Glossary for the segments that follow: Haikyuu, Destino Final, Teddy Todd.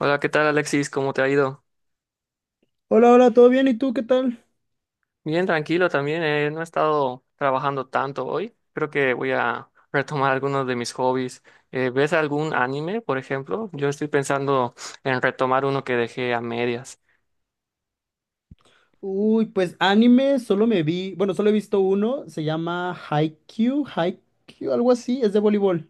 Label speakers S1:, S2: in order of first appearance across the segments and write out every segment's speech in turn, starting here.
S1: Hola, ¿qué tal, Alexis? ¿Cómo te ha ido?
S2: Hola, hola, ¿todo bien? ¿Y tú qué tal?
S1: Bien, tranquilo también. No he estado trabajando tanto hoy. Creo que voy a retomar algunos de mis hobbies. ¿Ves algún anime, por ejemplo? Yo estoy pensando en retomar uno que dejé a medias.
S2: Uy, pues anime, solo me vi, bueno, solo he visto uno, se llama Haikyuu, Haikyuu, algo así, es de voleibol.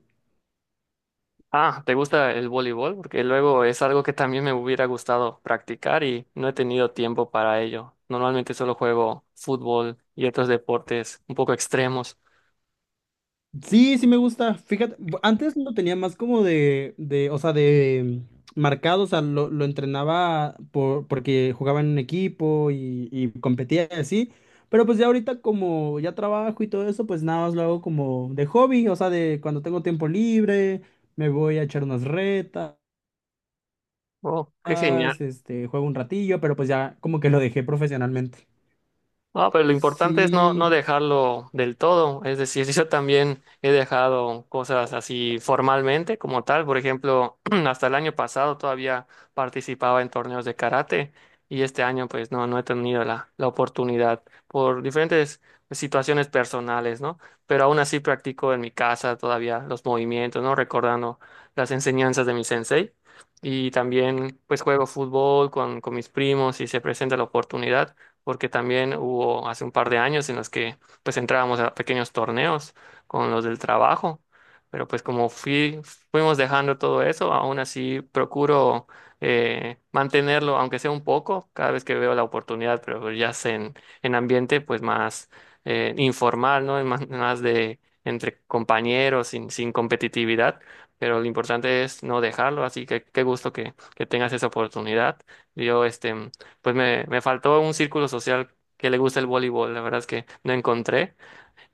S1: Ah, ¿te gusta el voleibol? Porque luego es algo que también me hubiera gustado practicar y no he tenido tiempo para ello. Normalmente solo juego fútbol y otros deportes un poco extremos.
S2: Sí, sí me gusta, fíjate, antes lo tenía más como o sea, de marcado, o sea, lo entrenaba porque jugaba en un equipo y competía y así, pero pues ya ahorita como ya trabajo y todo eso, pues nada más lo hago como de hobby, o sea, de cuando tengo tiempo libre, me voy a echar unas retas.
S1: Oh, qué genial.
S2: Más, este, juego un ratillo, pero pues ya como que lo dejé profesionalmente.
S1: No, pero lo importante es no,
S2: Sí.
S1: no dejarlo del todo. Es decir, yo también he dejado cosas así formalmente como tal. Por ejemplo, hasta el año pasado todavía participaba en torneos de karate, y este año pues no, no he tenido la oportunidad por diferentes situaciones personales, ¿no? Pero aún así practico en mi casa todavía los movimientos, ¿no? Recordando las enseñanzas de mi sensei. Y también pues juego fútbol con mis primos si se presenta la oportunidad, porque también hubo hace un par de años en los que pues entrábamos a pequeños torneos con los del trabajo, pero pues fuimos dejando todo eso. Aún así procuro mantenerlo, aunque sea un poco, cada vez que veo la oportunidad, pero ya en ambiente pues más informal, ¿no? En Más, más de entre compañeros, sin competitividad. Pero lo importante es no dejarlo, así que qué gusto que tengas esa oportunidad. Yo, este, pues me faltó un círculo social que le guste el voleibol. La verdad es que no encontré,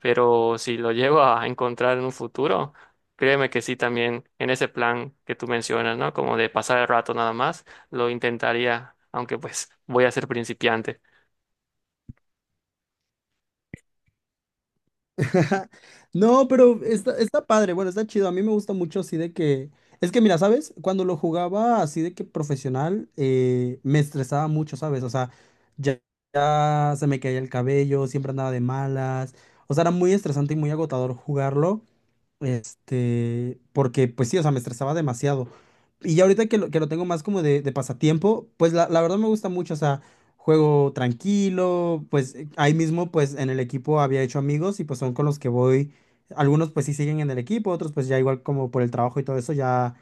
S1: pero si lo llego a encontrar en un futuro, créeme que sí, también en ese plan que tú mencionas, ¿no? Como de pasar el rato nada más, lo intentaría, aunque pues voy a ser principiante.
S2: No, pero está padre, bueno, está chido. A mí me gusta mucho así de que... Es que mira, ¿sabes? Cuando lo jugaba así de que profesional, me estresaba mucho, ¿sabes? O sea, ya, ya se me caía el cabello, siempre andaba de malas. O sea, era muy estresante y muy agotador jugarlo. Este, porque pues sí, o sea, me estresaba demasiado. Y ya ahorita que lo tengo más como de pasatiempo, pues la verdad me gusta mucho, o sea, juego tranquilo, pues ahí mismo pues en el equipo había hecho amigos y pues son con los que voy, algunos pues sí siguen en el equipo, otros pues ya igual como por el trabajo y todo eso ya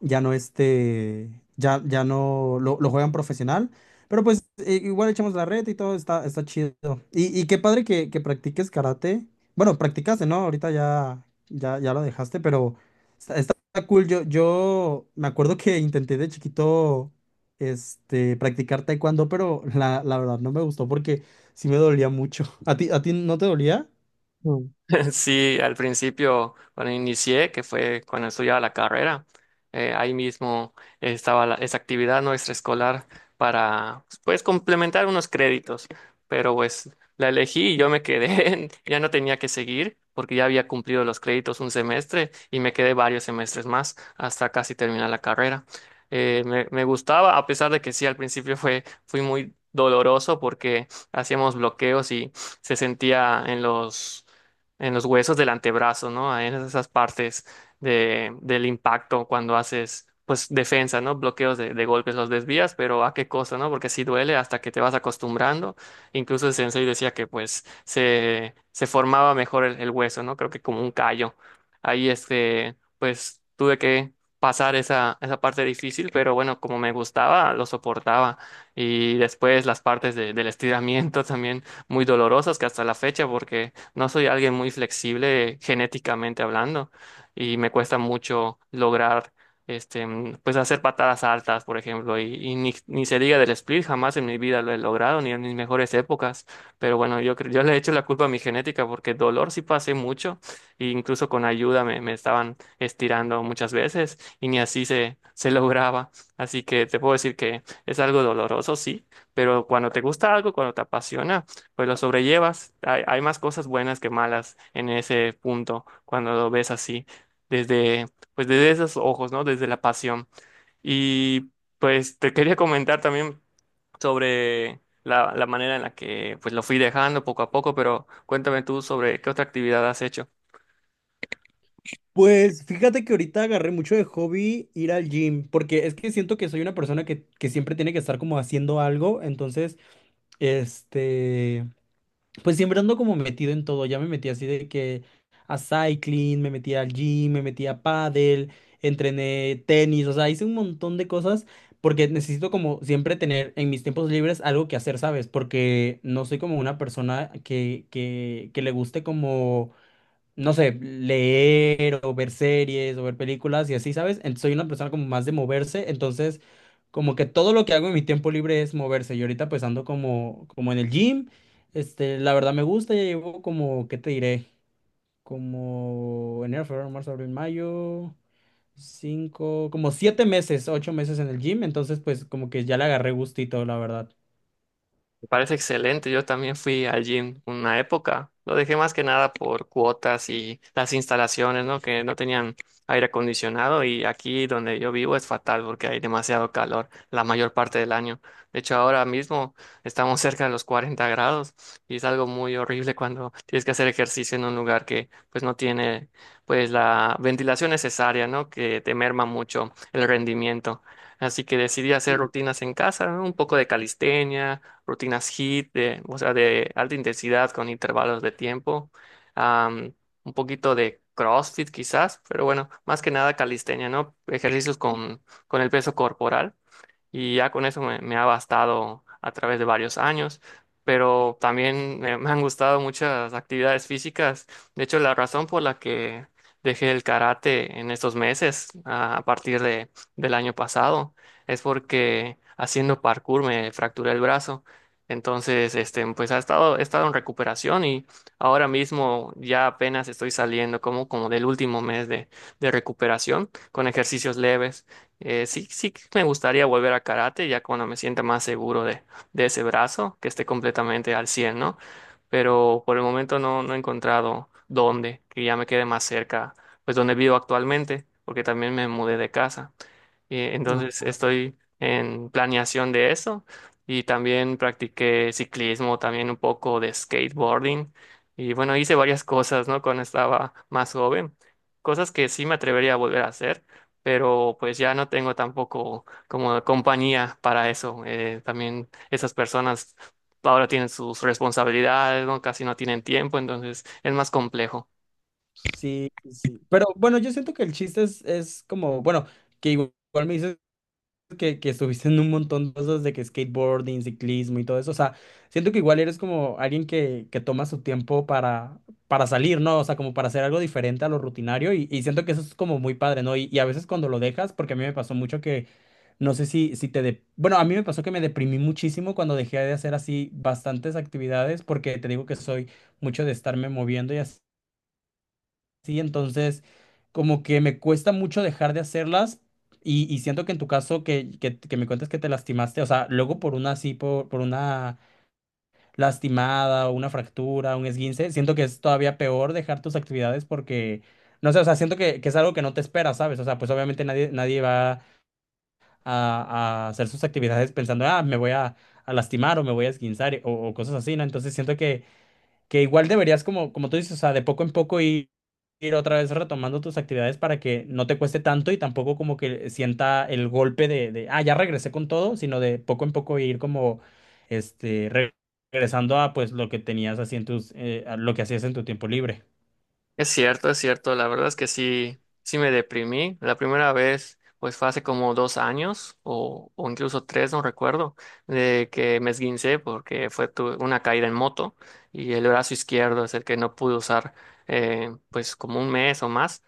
S2: ya no lo juegan profesional, pero pues igual echamos la red y todo está chido. Y qué padre que practiques karate. Bueno, practicaste, ¿no? Ahorita ya lo dejaste, pero está cool. Yo me acuerdo que intenté de chiquito este, practicar taekwondo, pero la verdad no me gustó porque sí me dolía mucho. ¿ A ti no te dolía?
S1: Mm. Sí, al principio, cuando inicié, que fue cuando estudiaba la carrera, ahí mismo estaba esa actividad no extraescolar para, pues, complementar unos créditos, pero pues la elegí y yo me quedé. Ya no tenía que seguir porque ya había cumplido los créditos un semestre, y me quedé varios semestres más hasta casi terminar la carrera. Me gustaba, a pesar de que sí, al principio fui muy doloroso porque hacíamos bloqueos y se sentía en los huesos del antebrazo, ¿no? Ahí, en esas partes del impacto cuando haces, pues, defensa, ¿no? Bloqueos de golpes, los desvías, pero ¿a qué cosa, no? Porque sí duele hasta que te vas acostumbrando. Incluso el sensei decía que, pues, se formaba mejor el hueso, ¿no? Creo que como un callo. Ahí, este, pues, tuve que pasar esa parte difícil, pero bueno, como me gustaba, lo soportaba. Y después las partes del estiramiento también muy dolorosas, que hasta la fecha, porque no soy alguien muy flexible genéticamente hablando, y me cuesta mucho lograr, este, mm, pues hacer patadas altas, por ejemplo, y ni se diga del split, jamás en mi vida lo he logrado, ni en mis mejores épocas. Pero bueno, yo le he hecho la culpa a mi genética, porque dolor sí pasé mucho, e incluso con ayuda me estaban estirando muchas veces y ni así se lograba. Así que te puedo decir que es algo doloroso, sí, pero cuando te gusta algo, cuando te apasiona, pues lo sobrellevas. Hay más cosas buenas que malas en ese punto cuando lo ves así, desde, pues desde esos ojos, ¿no? Desde la pasión. Y pues te quería comentar también sobre la manera en la que pues lo fui dejando poco a poco, pero cuéntame tú sobre qué otra actividad has hecho.
S2: Pues fíjate que ahorita agarré mucho de hobby ir al gym, porque es que siento que soy una persona que siempre tiene que estar como haciendo algo, entonces, este, pues siempre ando como metido en todo, ya me metí así de que a cycling, me metí al gym, me metí a pádel, entrené tenis, o sea, hice un montón de cosas porque necesito como siempre tener en mis tiempos libres algo que hacer, ¿sabes? Porque no soy como una persona que le guste como no sé, leer o ver series o ver películas y así, ¿sabes? Soy una persona como más de moverse, entonces como que todo lo que hago en mi tiempo libre es moverse. Y ahorita pues ando como, como en el gym, este, la verdad me gusta, ya llevo como, ¿qué te diré? Como enero, febrero, marzo, abril, mayo, cinco, como siete meses, ocho meses en el gym, entonces pues como que ya le agarré gustito, la verdad.
S1: Me parece excelente. Yo también fui al gym una época. Lo dejé más que nada por cuotas y las instalaciones, ¿no? Que no tenían aire acondicionado, y aquí donde yo vivo es fatal porque hay demasiado calor la mayor parte del año. De hecho, ahora mismo estamos cerca de los 40 grados, y es algo muy horrible cuando tienes que hacer ejercicio en un lugar que pues no tiene pues la ventilación necesaria, ¿no? Que te merma mucho el rendimiento. Así que decidí hacer
S2: Sí.
S1: rutinas en casa, ¿no? Un poco de calistenia, rutinas HIIT, de, o sea, de alta intensidad con intervalos de tiempo, am, un poquito de CrossFit quizás, pero bueno, más que nada calistenia, ¿no? Ejercicios con el peso corporal, y ya con eso me ha bastado a través de varios años, pero también me han gustado muchas actividades físicas. De hecho, la razón por la que dejé el karate en estos meses, a partir del año pasado, es porque haciendo parkour me fracturé el brazo. Entonces, este, he estado en recuperación, y ahora mismo ya apenas estoy saliendo como, como del último mes de recuperación con ejercicios leves. Sí, me gustaría volver a karate ya cuando me sienta más seguro de ese brazo, que esté completamente al cien, ¿no? Pero por el momento no, no he encontrado dónde, que ya me quede más cerca, pues donde vivo actualmente, porque también me mudé de casa. Entonces
S2: Ah.
S1: estoy en planeación de eso, y también practiqué ciclismo, también un poco de skateboarding, y bueno, hice varias cosas, ¿no? Cuando estaba más joven, cosas que sí me atrevería a volver a hacer, pero pues ya no tengo tampoco como compañía para eso. También esas personas ahora tienen sus responsabilidades, ¿no? Casi no tienen tiempo, entonces es más complejo.
S2: Sí, sí, sí. Pero bueno, yo siento que el chiste es como, bueno, que igual me dices que estuviste en un montón de cosas de que skateboarding, ciclismo y todo eso. O sea, siento que igual eres como alguien que toma su tiempo para salir, ¿no? O sea, como para hacer algo diferente a lo rutinario y siento que eso es como muy padre, ¿no? Y a veces cuando lo dejas, porque a mí me pasó mucho que, no sé si te... Bueno, a mí me pasó que me deprimí muchísimo cuando dejé de hacer así bastantes actividades porque te digo que soy mucho de estarme moviendo y así. Sí, entonces como que me cuesta mucho dejar de hacerlas y siento que en tu caso que me cuentas que te lastimaste, o sea, luego por una así, por una lastimada o una fractura, un esguince, siento que es todavía peor dejar tus actividades porque, no sé, o sea, siento que es algo que no te espera, ¿sabes? O sea, pues obviamente nadie, nadie va a hacer sus actividades pensando, ah, me voy a lastimar o me voy a esguinzar o cosas así, ¿no? Entonces siento que igual deberías, como, como tú dices, o sea, de poco en poco ir otra vez retomando tus actividades para que no te cueste tanto y tampoco como que sienta el golpe ah, ya regresé con todo, sino de poco en poco ir como, este, regresando a pues lo que tenías así en tus, a lo que hacías en tu tiempo libre.
S1: Es cierto, es cierto. La verdad es que sí, sí me deprimí. La primera vez, pues fue hace como dos años o incluso tres, no recuerdo, de que me esguincé porque fue una caída en moto, y el brazo izquierdo es el que no pude usar, pues como un mes o más.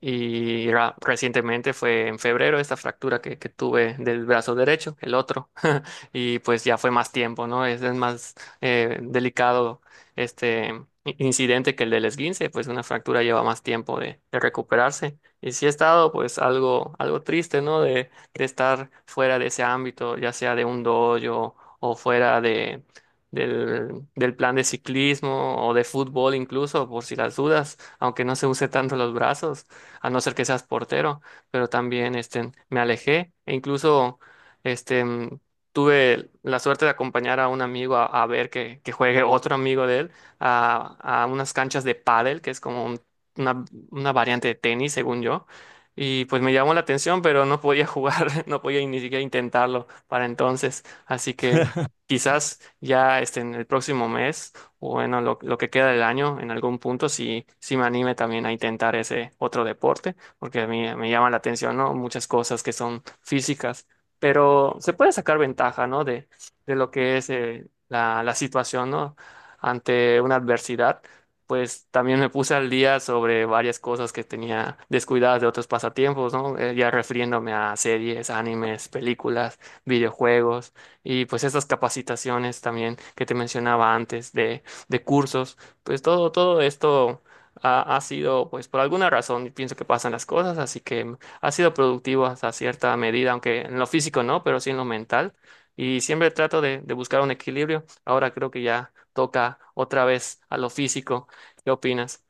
S1: Y recientemente fue en febrero esta fractura que tuve del brazo derecho, el otro. Y pues ya fue más tiempo, ¿no? Es más delicado este incidente que el del esguince, pues una fractura lleva más tiempo de recuperarse. Y sí he estado pues algo, algo triste, ¿no? De estar fuera de ese ámbito, ya sea de un dojo o fuera del plan de ciclismo o de fútbol incluso, por si las dudas, aunque no se use tanto los brazos, a no ser que seas portero, pero también este, me alejé, e incluso este, mm, tuve la suerte de acompañar a un amigo a ver que juegue otro amigo de él a, a unas canchas de pádel, que es como una, una variante de tenis, según yo. Y pues me llamó la atención, pero no podía jugar. No podía ni siquiera intentarlo para entonces. Así que quizás ya este, en el próximo mes, o bueno, lo que queda del año, en algún punto, sí, sí me anime también a intentar ese otro deporte, porque a mí me llama la atención, ¿no? Muchas cosas que son físicas, pero se puede sacar ventaja, ¿no? De lo que es la situación, ¿no? Ante una adversidad, pues también me puse al día sobre varias cosas que tenía descuidadas de otros pasatiempos, ¿no? Ya refiriéndome a series, animes, películas, videojuegos, y pues estas capacitaciones también que te mencionaba antes de cursos, pues todo, todo esto ha sido, pues por alguna razón, y pienso que pasan las cosas, así que ha sido productivo hasta cierta medida, aunque en lo físico no, pero sí en lo mental. Y siempre trato de buscar un equilibrio. Ahora creo que ya toca otra vez a lo físico. ¿Qué opinas?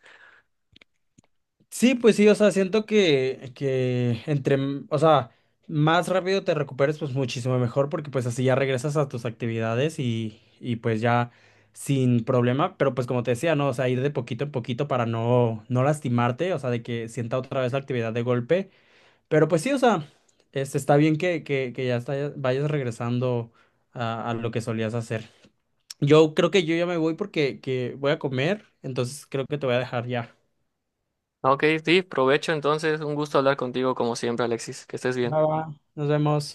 S2: Sí, pues sí, o sea, siento que entre, o sea, más rápido te recuperes, pues muchísimo mejor, porque pues así ya regresas a tus actividades y pues ya sin problema, pero pues como te decía, ¿no? O sea, ir de poquito en poquito para no, no lastimarte, o sea, de que sienta otra vez la actividad de golpe, pero pues sí, o sea, este, está bien que ya vayas regresando a lo que solías hacer. Yo creo que yo ya me voy porque que voy a comer, entonces creo que te voy a dejar ya.
S1: Ok, sí, provecho entonces. Un gusto hablar contigo como siempre, Alexis. Que estés bien.
S2: Va, va. Nos vemos.